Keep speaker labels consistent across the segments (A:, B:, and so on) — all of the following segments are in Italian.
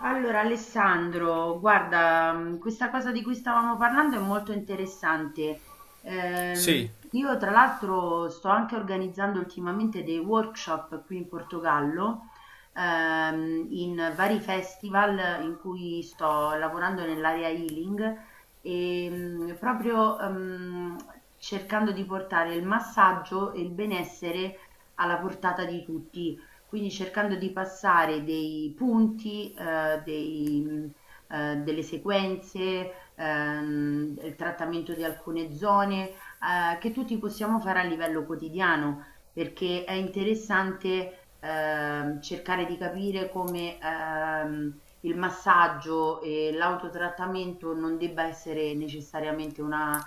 A: Allora Alessandro, guarda, questa cosa di cui stavamo parlando è molto interessante.
B: Sì,
A: Io tra l'altro sto anche organizzando ultimamente dei workshop qui in Portogallo, in vari festival in cui sto lavorando nell'area healing e proprio cercando di portare il massaggio e il benessere alla portata di tutti, quindi cercando di passare dei punti, delle sequenze, il trattamento di alcune zone, che tutti possiamo fare a livello quotidiano, perché è interessante, cercare di capire come, il massaggio e l'autotrattamento non debba essere necessariamente una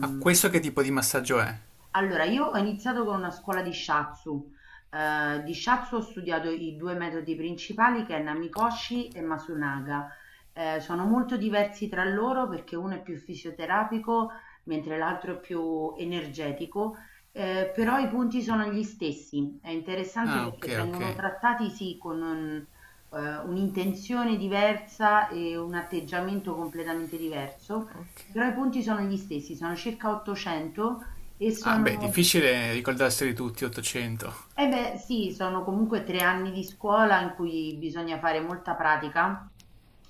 B: ma questo che tipo di massaggio è?
A: allora, io ho iniziato con una scuola di shiatsu. Di shiatsu ho studiato i 2 metodi principali che è Namikoshi e Masunaga. Sono molto diversi tra loro perché uno è più fisioterapico, mentre l'altro è più energetico, però i punti sono gli stessi. È interessante
B: Ah, ok,
A: perché
B: ok.
A: vengono trattati, sì, con un un'intenzione diversa e un atteggiamento completamente diverso, però i
B: Ok.
A: punti sono gli stessi, sono circa 800 e
B: Ah, beh,
A: sono
B: difficile ricordarseli tutti, 800.
A: eh beh, sì, sono comunque 3 anni di scuola in cui bisogna fare molta pratica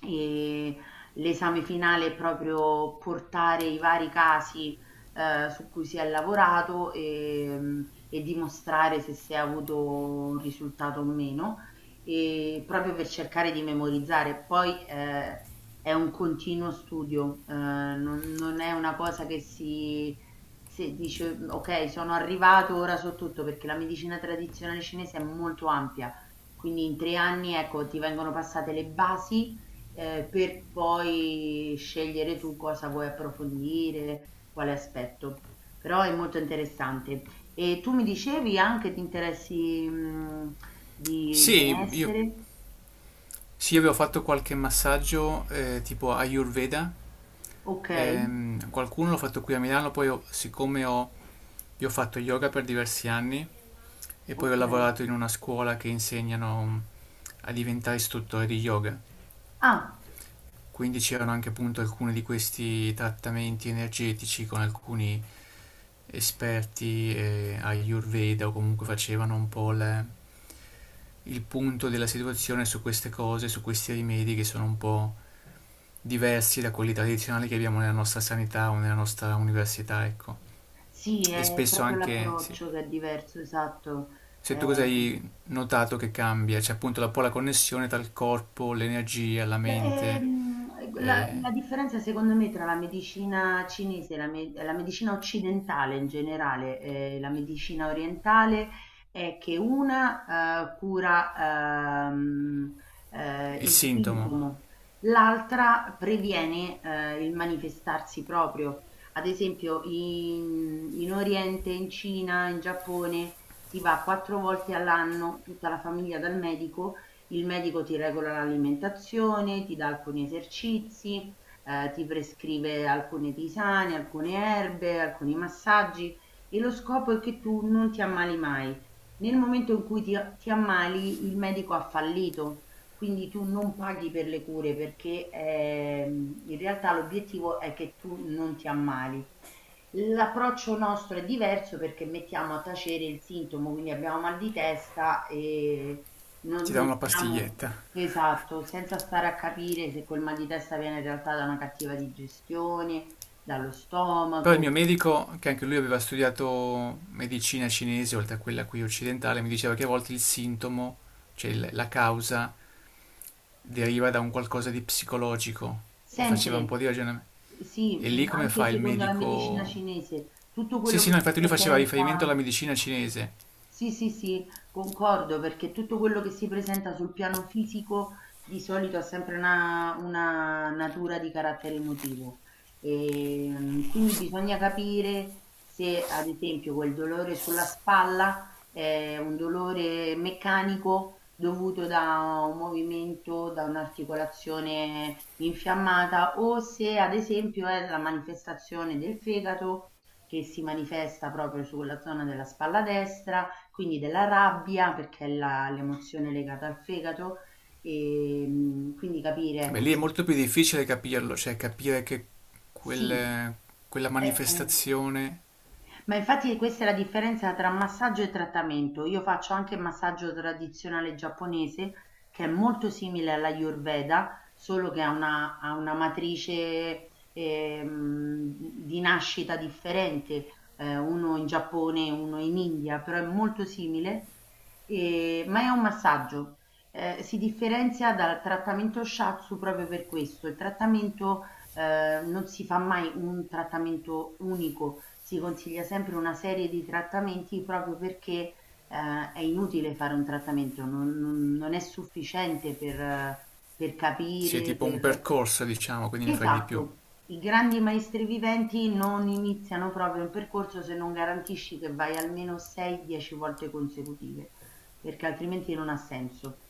A: e l'esame finale è proprio portare i vari casi, su cui si è lavorato, e dimostrare se si è avuto un risultato o meno, proprio per cercare di memorizzare. Poi, è un continuo studio, non è una cosa che si se dice: "Mm, "Okay, sono arrivato, ora so tutto", perché la medicina tradizionale cinese è molto ampia, quindi in 3 anni, ecco, ti vengono passate le basi, per poi scegliere tu cosa vuoi approfondire, quale aspetto. Però è molto interessante. E tu mi dicevi anche ti interessi, di
B: Sì, io,
A: benessere?
B: sì, io avevo fatto qualche massaggio tipo Ayurveda,
A: Okay,
B: qualcuno l'ho fatto qui a Milano, siccome io ho fatto yoga per diversi anni e poi ho
A: okay.
B: lavorato in una scuola che insegnano a diventare istruttore di yoga.
A: Ah,
B: Quindi c'erano anche appunto alcuni di questi trattamenti energetici con alcuni esperti Ayurveda, o comunque facevano il punto della situazione su queste cose, su questi rimedi che sono un po' diversi da quelli tradizionali che abbiamo nella nostra sanità o nella nostra università, ecco.
A: sì,
B: E
A: è
B: spesso
A: proprio
B: anche, sì.
A: l'approccio che è diverso, esatto.
B: Se tu cosa
A: Ehm
B: hai notato che cambia? C'è appunto un po' la connessione tra il corpo, l'energia, la
A: Beh,
B: mente,
A: la
B: eh,
A: la differenza secondo me tra la medicina cinese e la me la medicina occidentale in generale, e la medicina orientale è che una, cura, uhm,
B: il
A: il
B: sintomo.
A: sintomo, l'altra previene, il manifestarsi proprio. Ad esempio in Oriente, in Cina, in Giappone si va 4 volte all'anno tutta la famiglia dal medico. Il medico ti regola l'alimentazione, ti dà alcuni esercizi, ti prescrive alcune tisane, alcune erbe, alcuni massaggi e lo scopo è che tu non ti ammali mai. Nel momento in cui ti ammali, il medico ha fallito, quindi tu non paghi per le cure perché in realtà l'obiettivo è che tu non ti ammali. L'approccio nostro è diverso perché mettiamo a tacere il sintomo, quindi abbiamo mal di testa e
B: Ti
A: non
B: dà
A: non
B: una
A: stiamo
B: pastiglietta.
A: esatto, senza stare a capire se quel mal di testa viene in realtà da una cattiva digestione, dallo
B: Però il mio
A: stomaco,
B: medico, che anche lui aveva studiato medicina cinese, oltre a quella qui occidentale, mi diceva che a volte il sintomo, cioè la causa, deriva da un qualcosa di psicologico e faceva un po'
A: sempre
B: di ragionamento.
A: sì,
B: E
A: mi
B: lì come
A: anche
B: fa il
A: secondo la medicina
B: medico?
A: cinese, tutto
B: Sì,
A: quello
B: sì,
A: che
B: no,
A: si
B: infatti lui faceva riferimento alla
A: presenta.
B: medicina cinese.
A: Sì, sì, sì, concordo perché tutto quello che si presenta sul piano fisico di solito ha sempre una natura di carattere emotivo. E, quindi bisogna capire se, ad esempio, quel dolore sulla spalla è un dolore meccanico dovuto da un movimento, da un'articolazione infiammata o se, ad esempio, è la manifestazione del fegato che si manifesta proprio sulla zona della spalla destra, quindi della rabbia, perché è la l'emozione legata al fegato, quindi capire
B: Beh,
A: ecco
B: lì è
A: se
B: molto più difficile capirlo, cioè capire che
A: sì,
B: quel- quella
A: eh.
B: manifestazione
A: Ma infatti questa è la differenza tra massaggio e trattamento. Io faccio anche massaggio tradizionale giapponese, che è molto simile all'Ayurveda, solo che ha una matrice di nascita differente, uno in Giappone e uno in India, però è molto simile, e- ma è un massaggio. Si differenzia dal trattamento shatsu proprio per questo. Il trattamento non si fa mai un trattamento unico, si consiglia sempre una serie di trattamenti proprio perché è inutile fare un trattamento, non è sufficiente per
B: sia
A: capire,
B: tipo un
A: per...
B: percorso, diciamo, quindi ne fai di più.
A: Esatto. I grandi maestri viventi non iniziano proprio un percorso se non garantisci che vai almeno 6-10 volte consecutive, perché altrimenti non ha senso.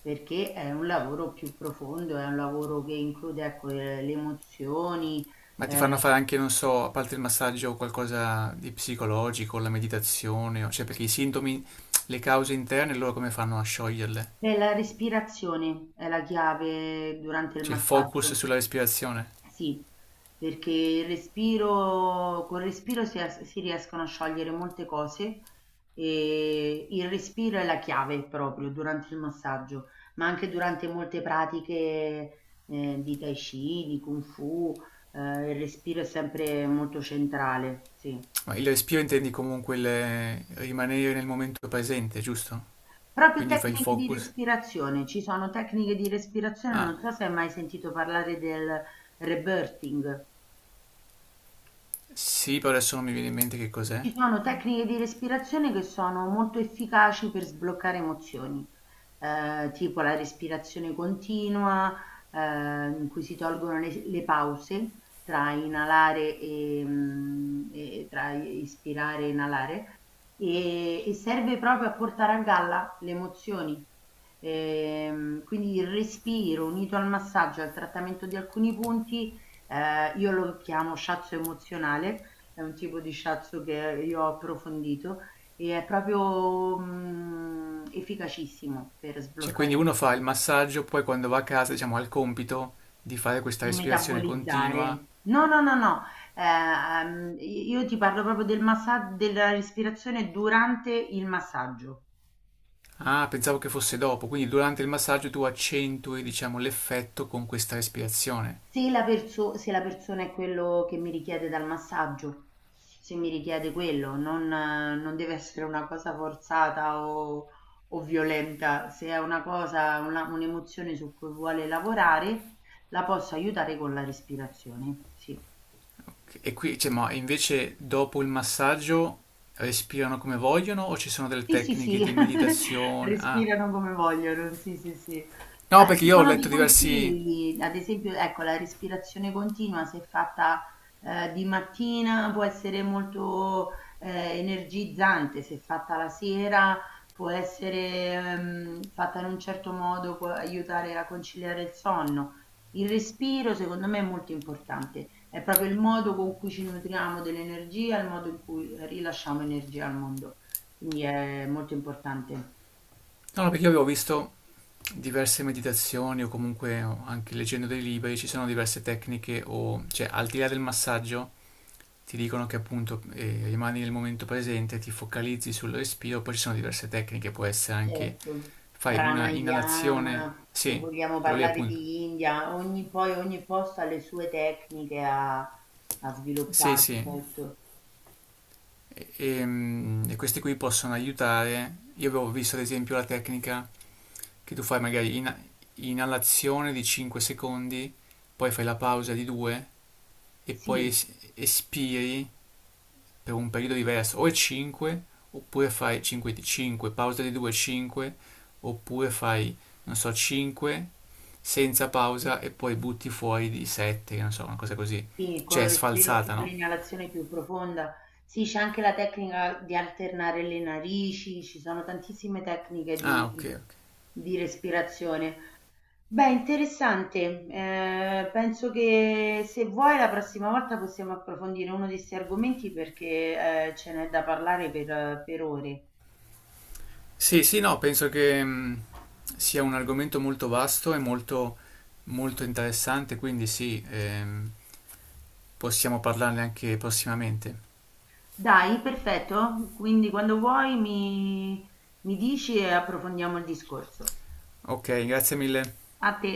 A: Perché è un lavoro più profondo, è un lavoro che include, ecco, le emozioni,
B: Ma ti
A: eh,
B: fanno fare anche, non so, a parte il massaggio, qualcosa di psicologico, la meditazione, cioè perché i sintomi, le cause interne, loro come fanno a scioglierle?
A: e la respirazione è la chiave durante il
B: Cioè il focus
A: massaggio.
B: sulla respirazione.
A: Sì, perché il respiro, col respiro si, as- si riescono a sciogliere molte cose e il respiro è la chiave proprio durante il massaggio, ma anche durante molte pratiche di Tai Chi, di Kung Fu, il respiro è sempre molto centrale, sì.
B: Ma il respiro intendi comunque il rimanere nel momento presente, giusto?
A: Proprio
B: Quindi fai il
A: tecniche di
B: focus.
A: respirazione, ci sono tecniche di respirazione,
B: Ah,
A: non so se hai mai sentito parlare del rebirthing.
B: sì, però adesso non mi viene in mente che cos'è.
A: Ci sono tecniche di respirazione che sono molto efficaci per sbloccare emozioni, tipo la respirazione continua, in cui si tolgono le pause tra inalare, e tra ispirare e inalare, e serve proprio a portare a galla le emozioni. Quindi il respiro unito al massaggio e al trattamento di alcuni punti, io lo chiamo shiatsu emozionale, è un tipo di shiatsu che io ho approfondito e è proprio, efficacissimo per
B: Cioè,
A: sbloccare
B: quindi
A: i
B: uno fa il
A: muscoli,
B: massaggio, poi quando va a casa, diciamo, ha il compito di fare questa
A: di
B: respirazione continua.
A: metabolizzare. No, no, no, no, i io ti parlo proprio della respirazione durante il massaggio.
B: Ah, pensavo che fosse dopo, quindi durante il massaggio tu accentui, diciamo, l'effetto con questa respirazione.
A: Se la persona è quello che mi richiede dal massaggio, se mi richiede quello, non non deve essere una cosa forzata o violenta. Se è una cosa una un'emozione su cui vuole lavorare, la posso aiutare con la respirazione, sì.
B: E qui, cioè, ma invece dopo il massaggio respirano come vogliono o ci sono delle
A: Sì, sì,
B: tecniche
A: sì,
B: di meditazione? Ah,
A: respirano come vogliono, sì, sì, sì.
B: no,
A: Ah,
B: perché
A: ci
B: io ho
A: sono
B: letto
A: dei
B: diversi...
A: consigli, ad esempio, ecco, la respirazione continua, se fatta di mattina, può essere molto energizzante, se fatta la sera, può essere fatta in un certo modo, può aiutare a conciliare il sonno. Il respiro, secondo me, è molto importante, è proprio il modo con cui ci nutriamo dell'energia, il modo in cui rilasciamo energia al mondo. Quindi è molto importante.
B: No, no, perché io avevo visto diverse meditazioni o comunque o anche leggendo dei libri ci sono diverse tecniche o cioè al di là del massaggio ti dicono che appunto rimani nel momento presente, ti focalizzi sul respiro, poi ci sono diverse tecniche, può essere anche
A: Certo.
B: fai una inalazione,
A: Pranayama, se
B: sì,
A: vogliamo
B: quello lì
A: parlare
B: appunto,
A: di India, ogni, poi ogni posto ha le sue tecniche, ha, ha
B: sì,
A: sviluppato,
B: sì,
A: certo.
B: e questi qui possono aiutare. Io avevo visto ad esempio la tecnica che tu fai magari inalazione di 5 secondi, poi fai la pausa di 2 e poi
A: Sì,
B: es- espiri per un periodo diverso, o è 5, oppure fai 5, 5 pausa di 2, 5, oppure fai, non so, 5 senza pausa e poi butti fuori di 7, non so, una cosa così.
A: sì,
B: Cioè
A: col
B: è
A: respiro, più-
B: sfalsata,
A: con
B: no?
A: l'inalazione più profonda. Sì, c'è anche la tecnica di alternare le narici, ci sono tantissime tecniche
B: Ah, ok, ok.
A: di respirazione. Beh, interessante. Penso che se vuoi la prossima volta possiamo approfondire uno di 'sti argomenti perché, ce n'è da parlare per ore.
B: Sì, sì, no, penso che sia un argomento molto vasto e molto, molto interessante, quindi sì, possiamo parlarne anche prossimamente.
A: Dai, perfetto. Quindi quando vuoi mi mi dici e approfondiamo il discorso.
B: Ok, grazie mille.
A: A te.